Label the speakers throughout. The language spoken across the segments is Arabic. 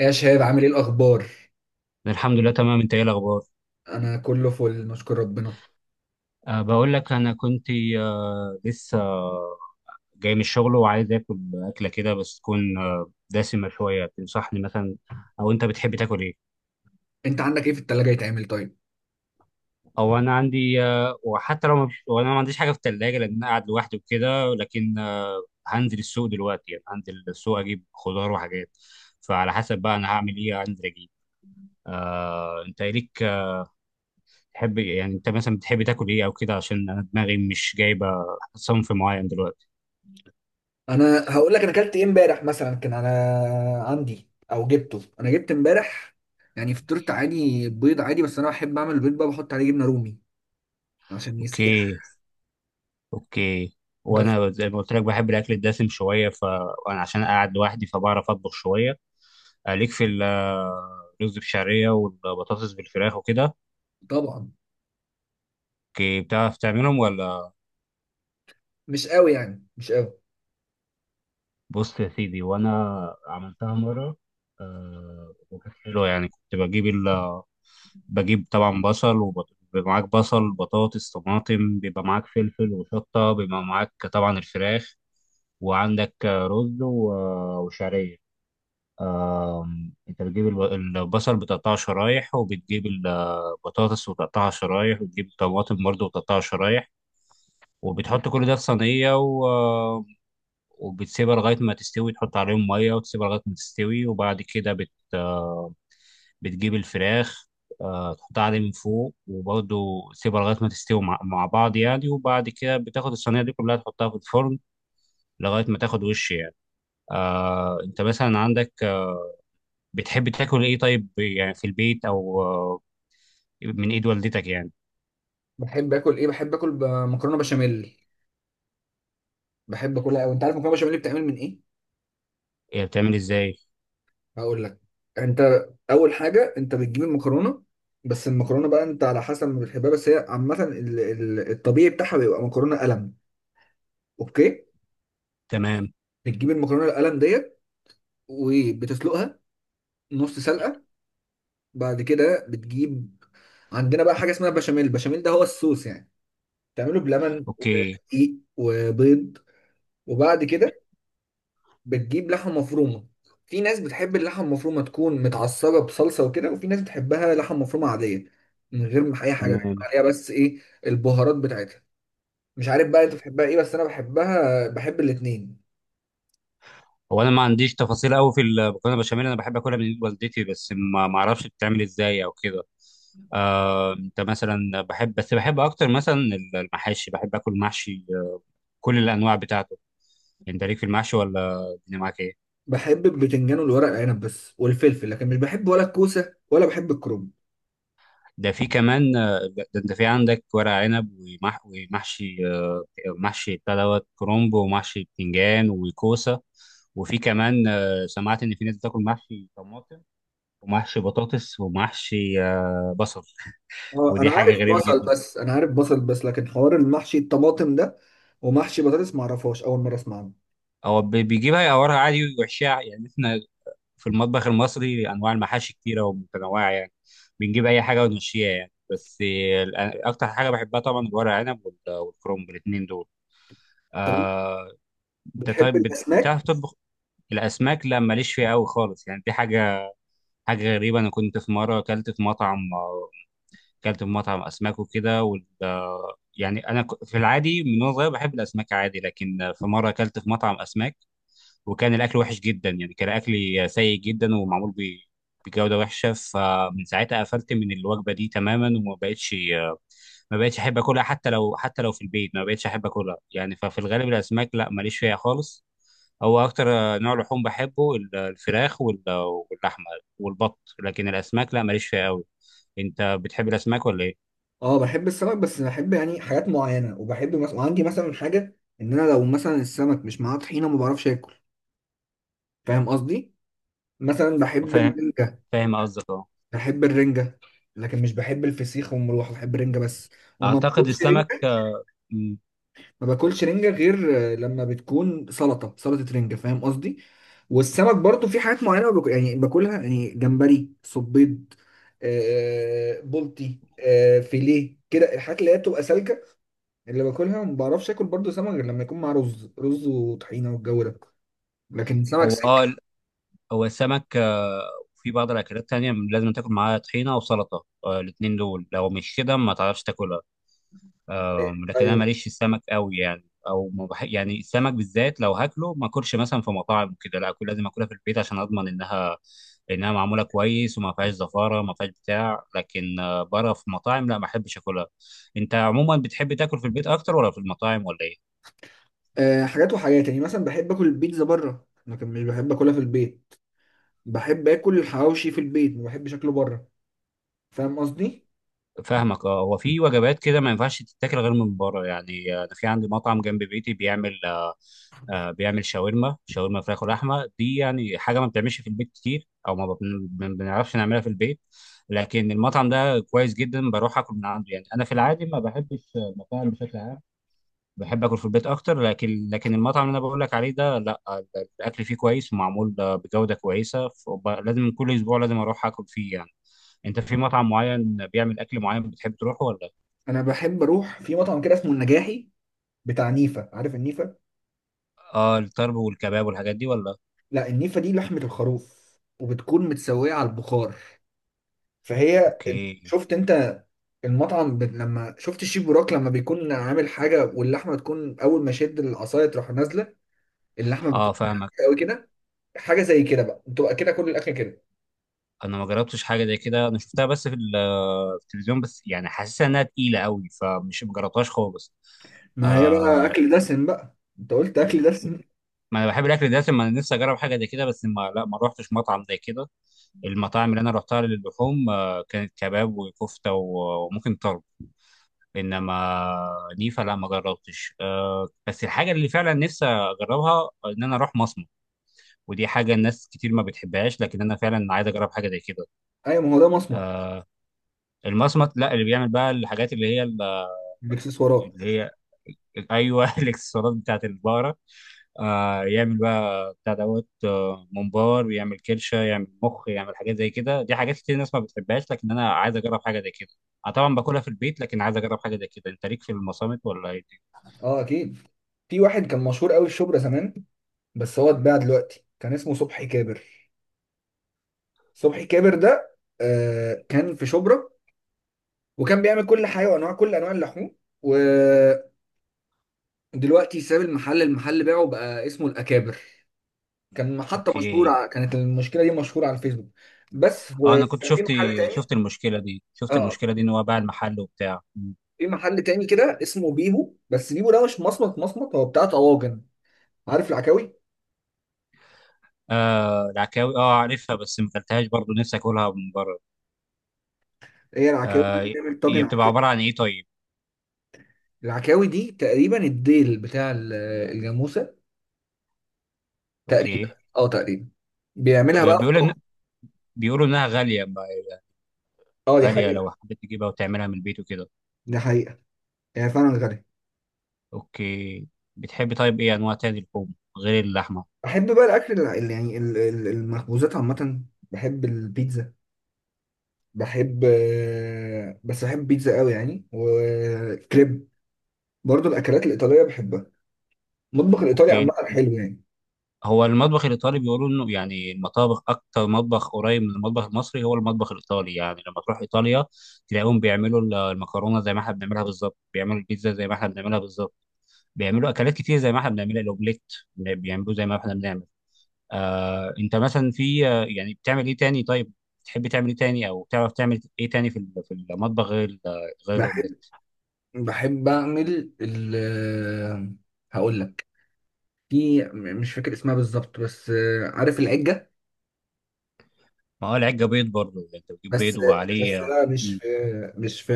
Speaker 1: يا شباب، عامل ايه الاخبار؟
Speaker 2: الحمد لله تمام. انت ايه الاخبار؟
Speaker 1: انا كله فل، نشكر ربنا.
Speaker 2: بقول لك انا كنت لسه جاي من الشغل وعايز اكل اكله كده بس تكون دسمه شويه. تنصحني مثلا؟ او انت بتحب تاكل ايه؟
Speaker 1: انت عندك ايه في التلاجة يتعمل طيب؟
Speaker 2: او انا عندي وحتى لو ما فيش- وانا ما عنديش حاجه في الثلاجه لان انا قاعد لوحدي وكده، لكن هنزل السوق دلوقتي، يعني هنزل السوق اجيب خضار وحاجات، فعلى حسب بقى انا هعمل ايه انزل اجيب. انت إيه ليك تحب؟ يعني انت مثلا بتحب تاكل ايه او كده، عشان انا دماغي مش جايبه صنف معين دلوقتي.
Speaker 1: انا هقول لك انا اكلت ايه امبارح. مثلا كان انا عندي او جبته انا جبت امبارح يعني فطرت عادي، بيض عادي، بس انا بحب اعمل البيض بقى، بحط عليه جبنة رومي عشان يسيح.
Speaker 2: اوكي، اوكي.
Speaker 1: بس
Speaker 2: وانا زي ما قلت لك بحب الاكل الدسم شويه ف وانا عشان قاعد لوحدي فبعرف اطبخ شويه. ليك في الرز بشعريه والبطاطس بالفراخ وكده؟
Speaker 1: طبعا
Speaker 2: اوكي، بتعرف تعملهم ولا؟
Speaker 1: مش قوي، يعني مش قوي.
Speaker 2: بص يا سيدي، وانا عملتها مره آه، وكانت حلوه يعني. كنت بجيب بجيب طبعا بيبقى معاك بصل، بطاطس، طماطم، بيبقى معاك فلفل وشطه، بيبقى معاك طبعا الفراخ، وعندك رز وشعريه. انت بتجيب البصل بتقطعه شرايح، وبتجيب البطاطس وتقطعها شرايح، وبتجيب الطماطم برضه وتقطعها شرايح، وبتحط كل ده في صينية آم، وبتسيبها لغاية ما تستوي، تحط عليهم مية وتسيبها لغاية ما تستوي، وبعد كده بت... آه، بتجيب الفراخ تحطها عليه من فوق، وبرضه تسيبها لغاية ما تستوي مع بعض يعني. وبعد كده بتاخد الصينية دي كلها تحطها في الفرن لغاية ما تاخد وش يعني. انت مثلا عندك بتحب تاكل ايه طيب، يعني في البيت، او من ايد والدتك يعني؟
Speaker 1: بحب اكل ايه؟ بحب اكل مكرونة بشاميل. بحب اكلها قوي. انت عارف مكرونة بشاميل بتعمل من ايه؟
Speaker 2: هي بتعمل ازاي؟
Speaker 1: هقول لك. انت اول حاجه انت بتجيب المكرونه، بس المكرونه بقى انت على حسب ما بتحبها، بس هي عامه الطبيعي بتاعها بيبقى مكرونه قلم. اوكي.
Speaker 2: تمام.
Speaker 1: بتجيب المكرونه القلم ديت وبتسلقها نص سلقه. بعد كده بتجيب، عندنا بقى حاجه اسمها بشاميل. البشاميل ده هو الصوص يعني، تعمله بلبن
Speaker 2: اوكي،
Speaker 1: ودقيق وبيض. وبعد كده بتجيب لحمة مفرومة. في ناس بتحب اللحمة المفرومة تكون متعصرة بصلصة وكده، وفي ناس بتحبها لحمة مفرومة عادية من غير ما أي حاجة بيحط
Speaker 2: تمام.
Speaker 1: عليها بس إيه، البهارات بتاعتها. مش عارف بقى أنت بتحبها إيه، بس أنا بحبها، بحب الاتنين.
Speaker 2: هو انا ما عنديش تفاصيل قوي في المكرونه البشاميل، انا بحب اكلها من ايد والدتي بس ما اعرفش بتتعمل ازاي او كده. انت مثلا بحب بحب اكتر مثلا المحاشي، بحب اكل محشي كل الانواع بتاعته. انت ليك في المحشي ولا الدنيا معاك ايه؟
Speaker 1: بحب البتنجان والورق العنب بس والفلفل، لكن مش بحب ولا الكوسة ولا بحب الكرنب.
Speaker 2: ده في كمان آه، ده ده انت في عندك ورق عنب، ومح ومحشي محشي بتاع دوت كرومب، ومحشي بتنجان وكوسه. وفي كمان سمعت ان في ناس بتاكل محشي طماطم، ومحشي بطاطس، ومحشي بصل.
Speaker 1: اه أنا
Speaker 2: ودي حاجه
Speaker 1: عارف
Speaker 2: غريبه
Speaker 1: بصل
Speaker 2: جدا.
Speaker 1: بس، أنا عارف بصل بس، لكن حوار المحشي الطماطم ده ومحشي بطاطس معرفهاش، أول مرة أسمع عنه.
Speaker 2: هو بيجيبها يقورها عادي ويحشيها يعني. احنا في المطبخ المصري انواع المحاشي كتيره ومتنوعه يعني، بنجيب اي حاجه ونمشيها يعني. بس اكتر حاجه بحبها طبعا الورق عنب والكرومب، الاثنين دول.
Speaker 1: طب
Speaker 2: آه، انت
Speaker 1: بتحب
Speaker 2: طيب بتعرف
Speaker 1: الأسماك؟
Speaker 2: تطبخ؟ الاسماك لا، ماليش فيها قوي خالص يعني. دي حاجه، حاجه غريبه. انا كنت في مره اكلت في مطعم اكلت في مطعم اسماك وكده يعني انا في العادي من وانا صغير بحب الاسماك عادي، لكن في مره اكلت في مطعم اسماك وكان الاكل وحش جدا يعني، كان اكلي سيء جدا ومعمول بجوده وحشه، فمن ساعتها قفلت من الوجبه دي تماما، وما بقتش ما بقتش احب اكلها، حتى لو حتى لو في البيت ما بقتش احب اكلها يعني. ففي الغالب الاسماك لا، ماليش فيها خالص. هو اكتر نوع لحوم بحبه الفراخ واللحمه والبط، لكن الاسماك لا، ماليش فيها قوي. انت بتحب الاسماك ولا ايه؟
Speaker 1: اه بحب السمك، بس بحب يعني حاجات معينه. وبحب مثلا، وعندي مثلا حاجه، ان انا لو مثلا السمك مش معاه طحينه ما بعرفش اكل. فاهم قصدي؟ مثلا بحب
Speaker 2: فاهم،
Speaker 1: الرنجه.
Speaker 2: فاهم قصدك، اه.
Speaker 1: بحب الرنجه لكن مش بحب الفسيخ والمروحه، بحب الرنجه بس. وما
Speaker 2: اعتقد
Speaker 1: باكلش
Speaker 2: السمك
Speaker 1: رنجه،
Speaker 2: مم.
Speaker 1: ما باكلش رنجه غير لما بتكون سلطه، سلطه رنجه. فاهم قصدي؟ والسمك برضو في حاجات معينه باكل، يعني باكلها يعني، جمبري، صبيط، بلطي، فيليه كده، الحاجات اللي هي بتبقى سالكه اللي باكلها. ما بعرفش اكل برضو سمك غير لما يكون مع رز، رز وطحينه والجو ده. لكن سمك
Speaker 2: هو اه،
Speaker 1: سكه،
Speaker 2: هو السمك وفي بعض الأكلات تانية لازم تاكل معاها طحينة وسلطة الاتنين دول، لو مش كده ما تعرفش تاكلها. لكن أنا
Speaker 1: ايوه.
Speaker 2: ماليش في السمك قوي يعني، أو ما بح... يعني السمك بالذات لو هاكله ما أكلش مثلا في مطاعم وكده لا، أكل لازم أكلها في البيت عشان أضمن إنها، إنها معمولة كويس وما فيهاش زفارة، ما فيهاش بتاع. لكن بره في مطاعم لا، ما أحبش أكلها. أنت عموما بتحب تاكل في البيت أكتر ولا في المطاعم، ولا إيه؟
Speaker 1: أه، حاجات وحاجات يعني، مثلا بحب اكل البيتزا بره لكن مش بحب اكلها في البيت. بحب اكل الحواوشي في البيت، ما بحبش اكله بره. فاهم قصدي؟
Speaker 2: فاهمك، اه. هو في وجبات كده ما ينفعش تتاكل غير من بره يعني. انا في عندي مطعم جنب بيتي بيعمل بيعمل شاورما، شاورما فراخ ولحمه. دي يعني حاجه ما بتعملش في البيت كتير، او ما بنعرفش نعملها في البيت. لكن المطعم ده كويس جدا، بروح اكل من عنده يعني. انا في العادي ما بحبش المطاعم بشكل عام، بحب اكل في البيت اكتر. لكن المطعم اللي انا بقول لك عليه ده لا، الاكل فيه كويس ومعمول بجوده كويسه، لازم كل اسبوع لازم اروح اكل فيه يعني. انت في مطعم معين بيعمل اكل معين بتحب تروحه ولا؟
Speaker 1: انا بحب اروح في مطعم كده اسمه النجاحي، بتاع نيفه. عارف النيفه؟
Speaker 2: اه، الطرب والكباب والحاجات دي ولا؟
Speaker 1: لا النيفه دي لحمه الخروف، وبتكون متسويه على البخار. فهي،
Speaker 2: اوكي.
Speaker 1: شفت انت المطعم، لما شفت الشيف بوراك لما بيكون عامل حاجه واللحمه تكون اول ما شد العصايه تروح نازله، اللحمه
Speaker 2: اه،
Speaker 1: بتكون
Speaker 2: فاهمك.
Speaker 1: قوي كده. حاجه زي كده بقى، بتبقى كده كل الاكل كده.
Speaker 2: انا ما جربتش حاجه زي كده، انا شفتها بس في في التلفزيون بس يعني، حاسسها انها تقيله قوي، ما جربتهاش خالص.
Speaker 1: ما هي بقى
Speaker 2: آه،
Speaker 1: اكل دسم بقى، انت قلت اكل دسم.
Speaker 2: ما انا بحب الاكل ده، ما انا نفسي اجرب حاجه زي كده. بس ما لا ما روحتش مطعم زي كده. المطاعم اللي انا روحتها للحوم آه، كانت كباب وكفته وممكن طرب، انما نيفا لا، ما جربتش. أه، بس الحاجه اللي فعلا نفسي اجربها ان انا اروح مصمت. ودي حاجه الناس كتير ما بتحبهاش، لكن انا فعلا عايز اجرب حاجه زي كده.
Speaker 1: ايوه، ما هو ده مصمت.
Speaker 2: المصمت لا، اللي بيعمل بقى الحاجات
Speaker 1: الاكسسوارات.
Speaker 2: اللي هي، ايوه الاكسسوارات بتاعت البقره. آه، يعمل بقى بتاع دوت آه، ممبار، يعمل كرشه، يعمل مخ، يعمل حاجات زي كده. دي حاجات كتير الناس ما بتحبهاش، لكن انا عايز اجرب حاجه زي كده. انا طبعا باكلها في البيت، لكن عايز اجرب حاجه زي كده. انت ليك في المصامت ولا ايه؟
Speaker 1: اه اكيد. في واحد كان مشهور قوي في شبرا زمان، بس هو اتباع دلوقتي، كان اسمه صبحي كابر. صبحي كابر ده آه كان في شبرا، وكان بيعمل كل حاجه وانواع، كل انواع اللحوم. و… دلوقتي ساب المحل، المحل باعه بقى اسمه الأكابر. كان محطة مشهورة،
Speaker 2: اوكي.
Speaker 1: كانت المشكلة دي مشهورة على الفيسبوك بس.
Speaker 2: اه، انا كنت
Speaker 1: وكان في
Speaker 2: شفت،
Speaker 1: محل
Speaker 2: شفت
Speaker 1: تاني.
Speaker 2: المشكله دي، شفت
Speaker 1: اه
Speaker 2: المشكله دي ان هو باع المحل وبتاع. مم.
Speaker 1: في محل تاني كده اسمه بيبو، بس بيبو ده مش مصمت مصمت، هو بتاع طواجن. عارف العكاوي؟
Speaker 2: آه، العكاوي، اه عارفها بس ما اكلتهاش برضه، نفسي اكلها من بره.
Speaker 1: هي العكاوي دي،
Speaker 2: آه،
Speaker 1: بتعمل
Speaker 2: هي
Speaker 1: طاجن
Speaker 2: بتبقى
Speaker 1: عكاوي.
Speaker 2: عباره عن ايه طيب؟
Speaker 1: العكاوي دي تقريبا الديل بتاع الجاموسة تقريبا.
Speaker 2: اوكي.
Speaker 1: اه تقريبا. بيعملها
Speaker 2: آه،
Speaker 1: بقى في
Speaker 2: بيقولوا إن،
Speaker 1: طاجن.
Speaker 2: بيقولوا انها غاليه
Speaker 1: اه دي
Speaker 2: غاليه
Speaker 1: حقيقة.
Speaker 2: لو حبيت تجيبها وتعملها من البيت وكده.
Speaker 1: دي حقيقة، هي فعلا غالية.
Speaker 2: اوكي. بتحبي طيب ايه انواع تاني لحوم غير اللحمه؟
Speaker 1: بحب بقى الأكل اللي يعني المخبوزات عامة. بحب البيتزا. بحب بس بحب بيتزا قوي يعني، وكريب. برضو الاكلات الايطاليه بحبها، المطبخ الايطالي
Speaker 2: اوكي.
Speaker 1: عامه حلو يعني.
Speaker 2: هو المطبخ الإيطالي بيقولوا إنه يعني المطابخ أكتر مطبخ قريب من المطبخ المصري هو المطبخ الإيطالي يعني. لما تروح إيطاليا تلاقيهم بيعملوا المكرونة زي ما إحنا بنعملها بالظبط، بيعملوا البيتزا زي ما إحنا بنعملها بالظبط، بيعملوا أكلات كتير زي ما إحنا بنعملها، الأومليت بيعملوه زي ما إحنا بنعمل. آه، أنت مثلا في يعني بتعمل إيه تاني طيب؟ تحب تعمل إيه تاني، أو تعرف تعمل إيه تاني في في المطبخ غير غير الأومليت؟
Speaker 1: بحب بحب اعمل ال، هقول لك. في، مش فاكر اسمها بالظبط، بس عارف العجه؟
Speaker 2: ما هو العجة بيض برضه يعني، أنت بتجيب
Speaker 1: بس،
Speaker 2: بيض
Speaker 1: بس
Speaker 2: وعليه
Speaker 1: لا مش
Speaker 2: مم.
Speaker 1: في مش في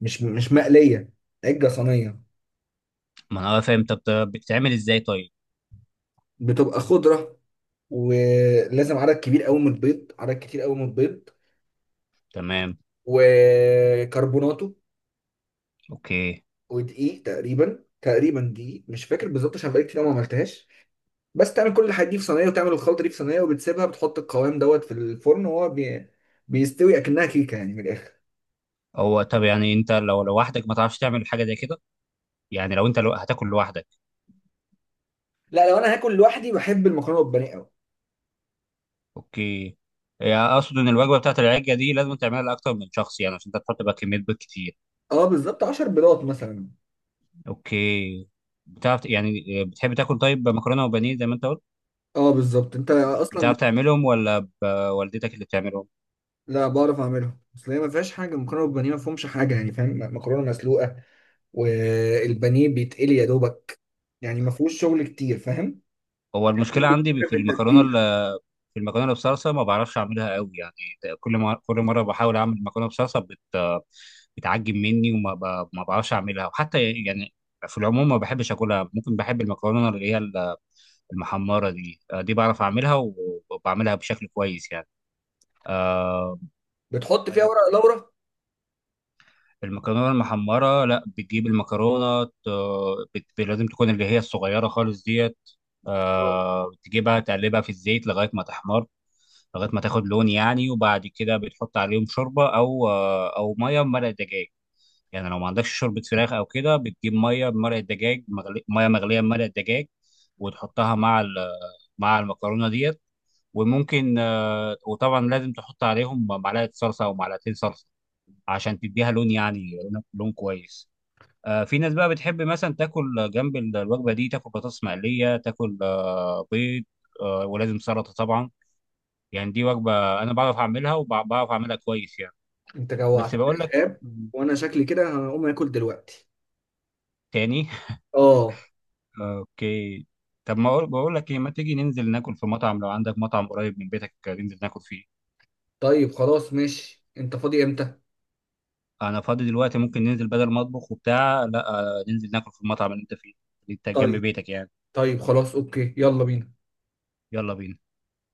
Speaker 1: مش مش مقليه، عجه صينيه.
Speaker 2: ما أنا فاهم. طب بتعمل إزاي طيب؟
Speaker 1: بتبقى خضره، ولازم عدد كبير قوي من البيض، عدد كتير قوي من البيض.
Speaker 2: تمام.
Speaker 1: وكربوناتو،
Speaker 2: اوكي.
Speaker 1: ودقيق تقريبا، تقريبا دقيق مش فاكر بالظبط عشان بقالي كتير أوي ما عملتهاش. بس تعمل كل الحاجات دي في صينيه، وتعمل الخلطه دي في صينيه، وبتسيبها، بتحط القوام دوت في الفرن وهو بيستوي اكنها كيكه يعني من الاخر.
Speaker 2: هو طب يعني انت لو لوحدك ما تعرفش تعمل حاجه زي كده، يعني لو انت لو هتاكل لوحدك.
Speaker 1: لا لو انا هاكل لوحدي بحب المكرونه بالبانيه قوي.
Speaker 2: اوكي. يعني اقصد ان الوجبه بتاعت العجه دي لازم تعملها لاكتر من شخص يعني، عشان انت تحط بقى كميه بيض كتير.
Speaker 1: اه بالظبط 10 بيضات مثلا.
Speaker 2: اوكي. بتعرف يعني، بتحب تاكل طيب مكرونه وبانيه زي ما انت قلت؟
Speaker 1: اه بالظبط، انت اصلا
Speaker 2: بتعرف تعملهم ولا والدتك اللي بتعملهم؟
Speaker 1: لا بعرف اعملها، اصل هي ما فيهاش حاجه، المكرونه بالبانيه ما فيهمش حاجه يعني، فاهم؟ مكرونه مسلوقه والبانيه بيتقلي يا دوبك، يعني ما فيهوش شغل كتير، فاهم؟
Speaker 2: هو المشكله عندي في
Speaker 1: في
Speaker 2: المكرونه،
Speaker 1: التتبيله.
Speaker 2: في المكرونه بصلصه ما بعرفش اعملها قوي يعني. كل ما كل مره بحاول اعمل مكرونه بصلصه بتعجب مني ما بعرفش اعملها. وحتى يعني في العموم ما بحبش اكلها. ممكن بحب المكرونه اللي هي المحمره دي، آه، دي بعرف اعملها وبعملها بشكل كويس يعني. آه،
Speaker 1: بتحط فيها ورق لورا.
Speaker 2: المكرونه المحمره، لا بتجيب المكرونه، لازم تكون اللي هي الصغيره خالص ديت. آه، تجيبها تقلبها في الزيت لغايه ما تحمر، لغايه ما تاخد لون يعني. وبعد كده بتحط عليهم شوربه، او ميه بمرق دجاج. يعني لو ما عندكش شوربه فراخ او كده بتجيب ميه بمرق الدجاج ميه مغليه بمرق الدجاج، وتحطها مع مع المكرونه ديت. وممكن وطبعا لازم تحط عليهم معلقه صلصه او معلقتين صلصه عشان تديها لون يعني، لون كويس. في ناس بقى بتحب مثلا تاكل جنب الوجبه دي تاكل بطاطس مقليه، تاكل بيض، ولازم سلطه طبعا. يعني دي وجبه انا بعرف اعملها وبعرف اعملها كويس يعني.
Speaker 1: انت
Speaker 2: بس
Speaker 1: جوعتني يا
Speaker 2: بقول لك
Speaker 1: شباب، وانا شكلي كده هقوم اكل دلوقتي.
Speaker 2: تاني
Speaker 1: اه.
Speaker 2: اوكي. طب ما أقول- بقول لك ايه، ما تيجي ننزل ناكل في مطعم؟ لو عندك مطعم قريب من بيتك ننزل ناكل فيه.
Speaker 1: طيب خلاص ماشي، انت فاضي امتى؟
Speaker 2: انا فاضي دلوقتي، ممكن ننزل بدل ما اطبخ وبتاع. لا ننزل ناكل في المطعم اللي انت فيه، اللي انت جنب
Speaker 1: طيب،
Speaker 2: بيتك يعني.
Speaker 1: طيب خلاص اوكي، يلا بينا.
Speaker 2: يلا بينا.